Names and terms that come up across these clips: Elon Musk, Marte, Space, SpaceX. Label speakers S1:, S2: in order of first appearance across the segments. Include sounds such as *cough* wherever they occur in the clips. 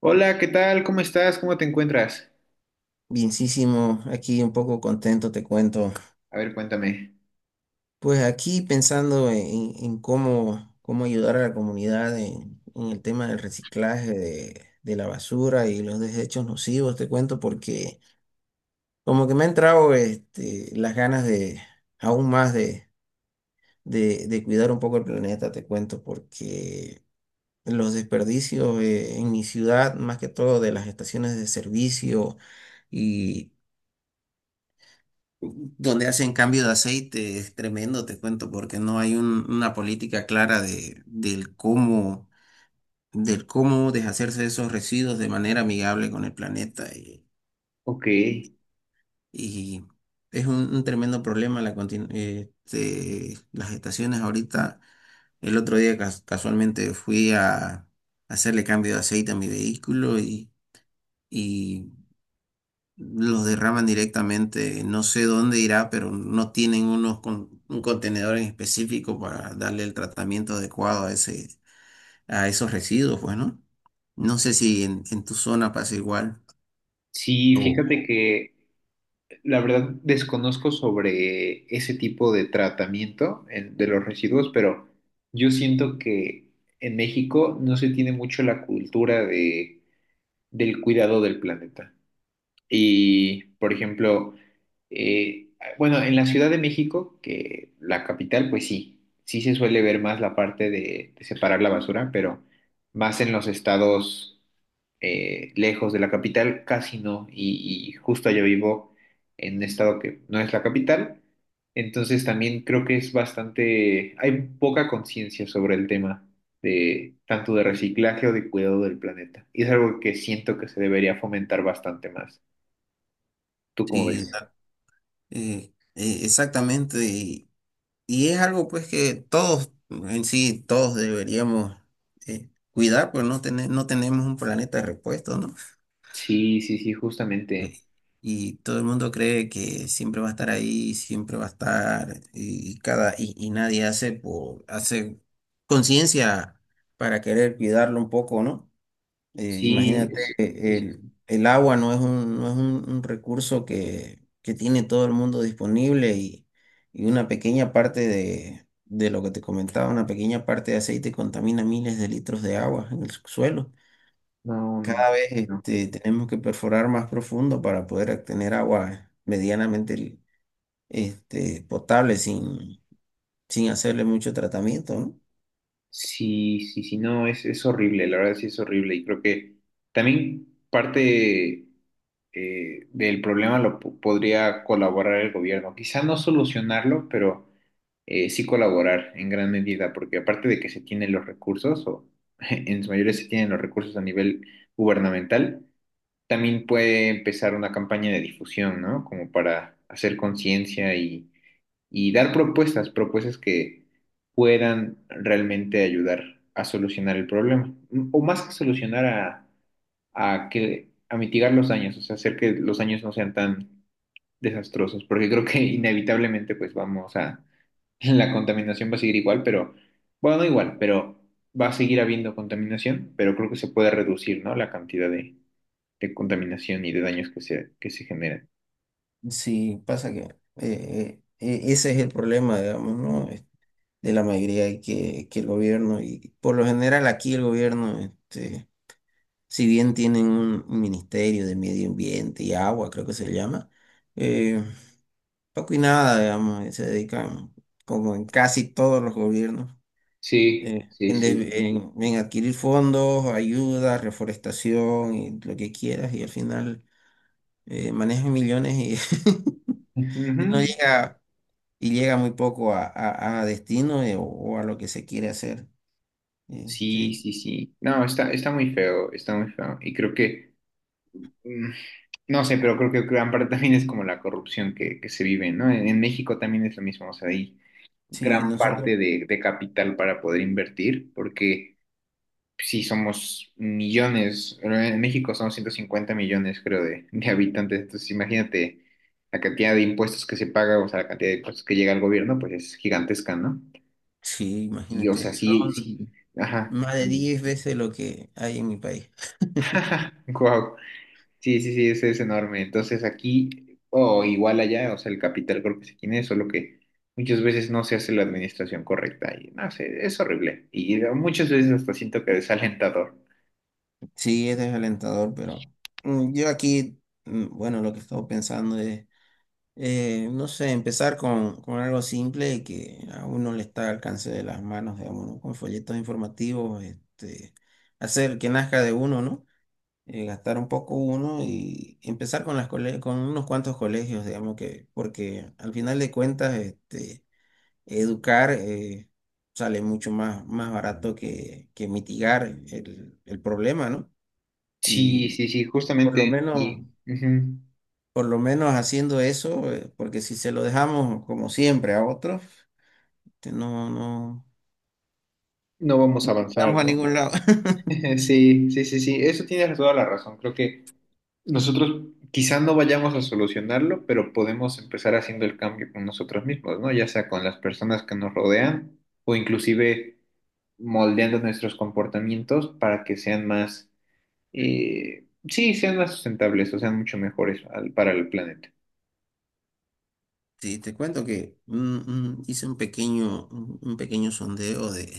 S1: Hola, ¿qué tal? ¿Cómo estás? ¿Cómo te encuentras?
S2: Bienísimo, aquí un poco contento, te cuento.
S1: A ver, cuéntame.
S2: Pues aquí pensando en cómo ayudar a la comunidad en el tema del reciclaje de la basura y los desechos nocivos, te cuento, porque como que me ha entrado las ganas de aún más de cuidar un poco el planeta, te cuento, porque los desperdicios en mi ciudad, más que todo de las estaciones de servicio, donde hacen cambio de aceite es tremendo, te cuento, porque no hay una política clara del cómo deshacerse de esos residuos de manera amigable con el planeta. Y,
S1: Ok,
S2: y es un tremendo problema las estaciones ahorita. El otro día casualmente fui a hacerle cambio de aceite a mi vehículo y los derraman directamente, no sé dónde irá, pero no tienen un contenedor en específico para darle el tratamiento adecuado a esos residuos, pues, ¿no? No sé si en tu zona pasa igual.
S1: sí, fíjate
S2: O
S1: que la verdad desconozco sobre ese tipo de tratamiento de los residuos, pero yo siento que en México no se tiene mucho la cultura del cuidado del planeta. Y, por ejemplo, Eh, bueno, en la Ciudad de México, que la capital, pues sí, sí se suele ver más la parte de separar la basura, pero más en los estados lejos de la capital, casi no. Y justo yo vivo en un estado que no es la capital, entonces también creo que es bastante, hay poca conciencia sobre el tema de tanto de reciclaje o de cuidado del planeta. Y es algo que siento que se debería fomentar bastante más. ¿Tú cómo
S2: Sí,
S1: ves?
S2: exactamente. Y es algo pues que todos, en sí, todos deberíamos, cuidar, pues no, no tenemos un planeta repuesto, ¿no?
S1: Sí, sí, sí,
S2: eh,
S1: justamente.
S2: y todo el mundo cree que siempre va a estar ahí, siempre va a estar, y nadie hace hace conciencia para querer cuidarlo un poco, ¿no?
S1: Sí,
S2: Imagínate,
S1: es- sí, sí,
S2: el,
S1: sí.
S2: el agua no es un recurso que tiene todo el mundo disponible, y una pequeña parte de lo que te comentaba, una pequeña parte de aceite contamina miles de litros de agua en el suelo.
S1: No,
S2: Cada vez,
S1: no.
S2: tenemos que perforar más profundo para poder obtener agua medianamente, potable sin hacerle mucho tratamiento, ¿no?
S1: Sí, sí, sí, no, es horrible, la verdad sí es horrible. Y creo que también parte del problema podría colaborar el gobierno. Quizá no solucionarlo, pero sí colaborar en gran medida, porque aparte de que se tienen los recursos, o *laughs* en su mayoría se tienen los recursos a nivel gubernamental, también puede empezar una campaña de difusión, ¿no? Como para hacer conciencia y dar propuestas, propuestas que puedan realmente ayudar a solucionar el problema, o más que solucionar a que, a mitigar los daños, o sea, hacer que los daños no sean tan desastrosos, porque creo que *laughs* inevitablemente pues vamos a, la contaminación va a seguir igual, pero, bueno, no igual, pero va a seguir habiendo contaminación, pero creo que se puede reducir, ¿no? La cantidad de contaminación y de daños que se generan.
S2: Sí, pasa que, ese es el problema, digamos, ¿no? De la mayoría. Y que el gobierno, y por lo general aquí el gobierno, si bien tienen un ministerio de medio ambiente y agua, creo que se llama, eh, poco y nada, digamos, se dedican, como en casi todos los gobiernos,
S1: Sí, sí, sí.
S2: en adquirir fondos, ayuda, reforestación y lo que quieras. Y al final, manejas millones y *laughs* y no
S1: Ujú.
S2: llega, y llega muy poco a, a destino, o a lo que se quiere hacer.
S1: Sí,
S2: Este,
S1: sí, sí. No, está, está muy feo, está muy feo. Y creo que, mm, no sé, pero creo que gran parte también es como la corrupción que se vive, ¿no? En México también es lo mismo, o sea, hay
S2: sí,
S1: gran
S2: nosotros.
S1: parte de capital para poder invertir, porque sí somos millones, pero en México son 150 millones, creo, de habitantes. Entonces, imagínate la cantidad de impuestos que se paga, o sea, la cantidad de impuestos que llega al gobierno, pues es gigantesca, ¿no?
S2: Sí,
S1: Y, o sea,
S2: imagínate,
S1: sí,
S2: son
S1: sí, ajá.
S2: más de 10 veces lo que hay en mi país. *laughs*
S1: *laughs* Wow. Sí, sí, sí, ese es enorme. Entonces, aquí, o igual allá, o sea, el capital creo que se tiene, solo que muchas veces no se hace la administración correcta y no sé, es horrible. Y muchas veces hasta siento que desalentador.
S2: Sí, es desalentador, pero, yo aquí, bueno, lo que he estado pensando es, no sé, empezar con algo simple y que a uno le está al alcance de las manos, digamos, ¿no? Con folletos informativos, hacer que nazca de uno, ¿no? Gastar un poco uno y empezar con con unos cuantos colegios, digamos, que porque al final de cuentas, educar, sale mucho más barato que mitigar el problema, ¿no?
S1: Sí,
S2: Y
S1: sí, sí,
S2: por lo
S1: justamente.
S2: menos
S1: Y ujú,
S2: por lo menos haciendo eso, porque si se lo dejamos como siempre a otros, no, no
S1: no vamos a avanzar,
S2: vamos a
S1: ¿no?
S2: ningún lado.
S1: *laughs*
S2: *laughs*
S1: Sí, sí, sí, sí. Eso tienes toda la razón. Creo que nosotros quizás no vayamos a solucionarlo, pero podemos empezar haciendo el cambio con nosotros mismos, ¿no? Ya sea con las personas que nos rodean o inclusive moldeando nuestros comportamientos para que sean más, sí, sean más sustentables o sean mucho mejores para el planeta.
S2: Sí, te cuento que, hice un pequeño sondeo de,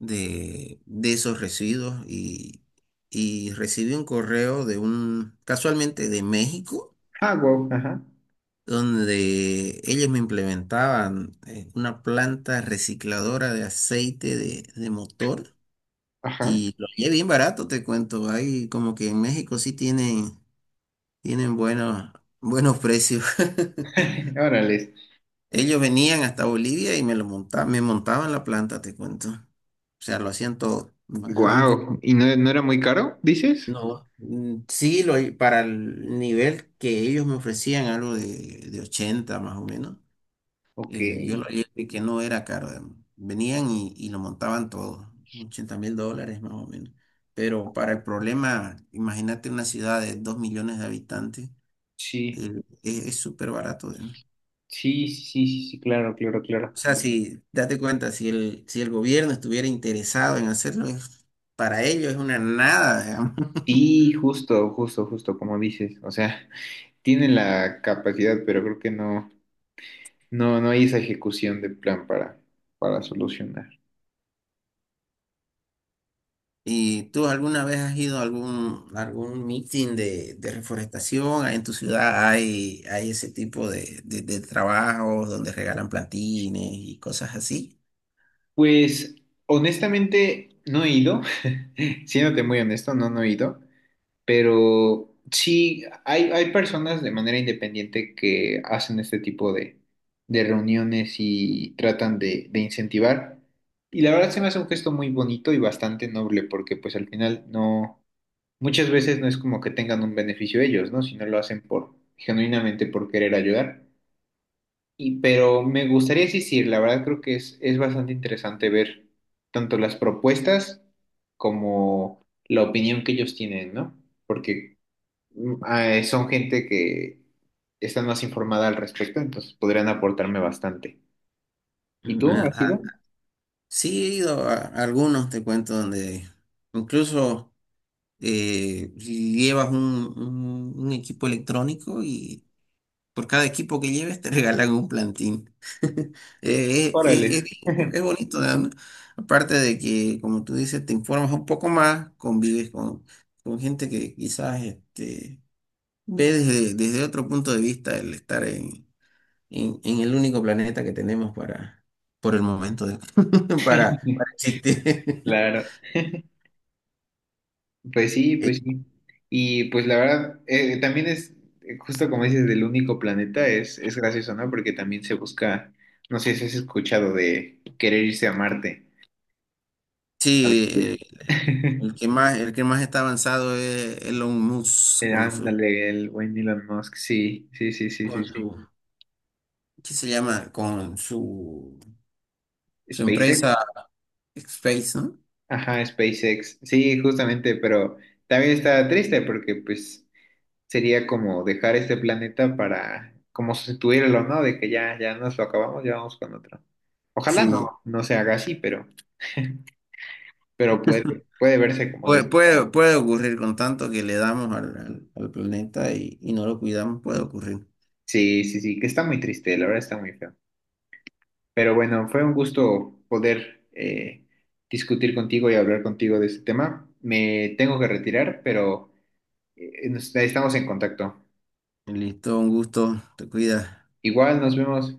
S2: de, de esos residuos, y recibí un correo de un, casualmente de México,
S1: Ah, wow, ajá,
S2: donde ellos me implementaban, una planta recicladora de aceite de motor.
S1: ajá.
S2: Y lo es bien barato, te cuento. Hay como que en México sí tienen buenos precios. *laughs*
S1: *laughs* Órale.
S2: Ellos venían hasta Bolivia y me montaban la planta, te cuento. O sea, lo hacían todo.
S1: Wow. ¿Y no, no era muy caro, dices?
S2: No, sí, para el nivel que ellos me ofrecían, algo de 80 más o menos.
S1: Ok,
S2: Yo lo leí de que no era caro, digamos. Venían, y lo montaban todo, 80 mil dólares más o menos. Pero para el problema, imagínate una ciudad de 2 millones de habitantes,
S1: sí,
S2: es súper barato, digamos.
S1: sí, sí, sí, sí, claro, claro, claro.
S2: O sea, si, date cuenta, si el gobierno estuviera interesado en hacerlo, para ellos es una nada, digamos. *laughs*
S1: Sí, justo, justo, justo, como dices. O sea, tienen la capacidad, pero creo que no, no, no hay esa ejecución de plan para solucionar.
S2: ¿Y tú alguna vez has ido a algún meeting de reforestación? ¿En tu ciudad hay ese tipo de trabajos donde regalan plantines y cosas así?
S1: Pues, honestamente, no he ido, *laughs* siéndote muy honesto, no, no he ido. Pero sí, hay personas de manera independiente que hacen este tipo de reuniones y tratan de incentivar. Y la verdad se me hace un gesto muy bonito y bastante noble, porque pues al final no, muchas veces no es como que tengan un beneficio ellos, ¿no? Sino lo hacen por, genuinamente por querer ayudar. Y, pero me gustaría insistir, la verdad creo que es bastante interesante ver tanto las propuestas como la opinión que ellos tienen, ¿no? Porque son gente que están más informada al respecto, entonces podrían aportarme bastante. ¿Y
S2: Mm,
S1: tú,
S2: a-
S1: has ido?
S2: a- sí, he ido a algunos, te cuento, donde incluso, llevas un equipo electrónico. Y por cada equipo que lleves te *laughs* regalan un plantín. *laughs*
S1: Órale.
S2: Es bonito, ¿no? Aparte de que, como tú dices, te informas un poco más, convives con gente que quizás, ve desde otro punto de vista el estar en el único planeta que tenemos, para, por el momento, *laughs* para
S1: *laughs*
S2: existir. *laughs*
S1: Claro, pues sí,
S2: Eh,
S1: pues sí. Y pues la verdad, también es, justo como dices, del único planeta, es gracioso, ¿no? Porque también se busca, no sé si has escuchado de querer irse a Marte a
S2: Sí,
S1: vivir. *laughs*
S2: el que más está avanzado es Elon Musk con su,
S1: Ándale, el buen Elon Musk, sí, sí, sí, sí,
S2: con
S1: sí, sí.
S2: sus, ¿qué se llama? Con su
S1: SpaceX.
S2: empresa Space, ¿no?
S1: Ajá, SpaceX. Sí, justamente, pero también está triste porque pues sería como dejar este planeta para como sustituirlo, ¿no? De que ya, ya nos lo acabamos, ya vamos con otro. Ojalá no,
S2: Sí,
S1: no se haga así, pero, *laughs* pero puede, puede verse como de...
S2: puede ocurrir con tanto que le damos al planeta, y no lo cuidamos, puede ocurrir.
S1: Sí, sí, sí, que está muy triste, la verdad está muy feo. Pero bueno, fue un gusto poder discutir contigo y hablar contigo de este tema. Me tengo que retirar, pero estamos en contacto.
S2: Listo, un gusto, te cuidas.
S1: Igual nos vemos.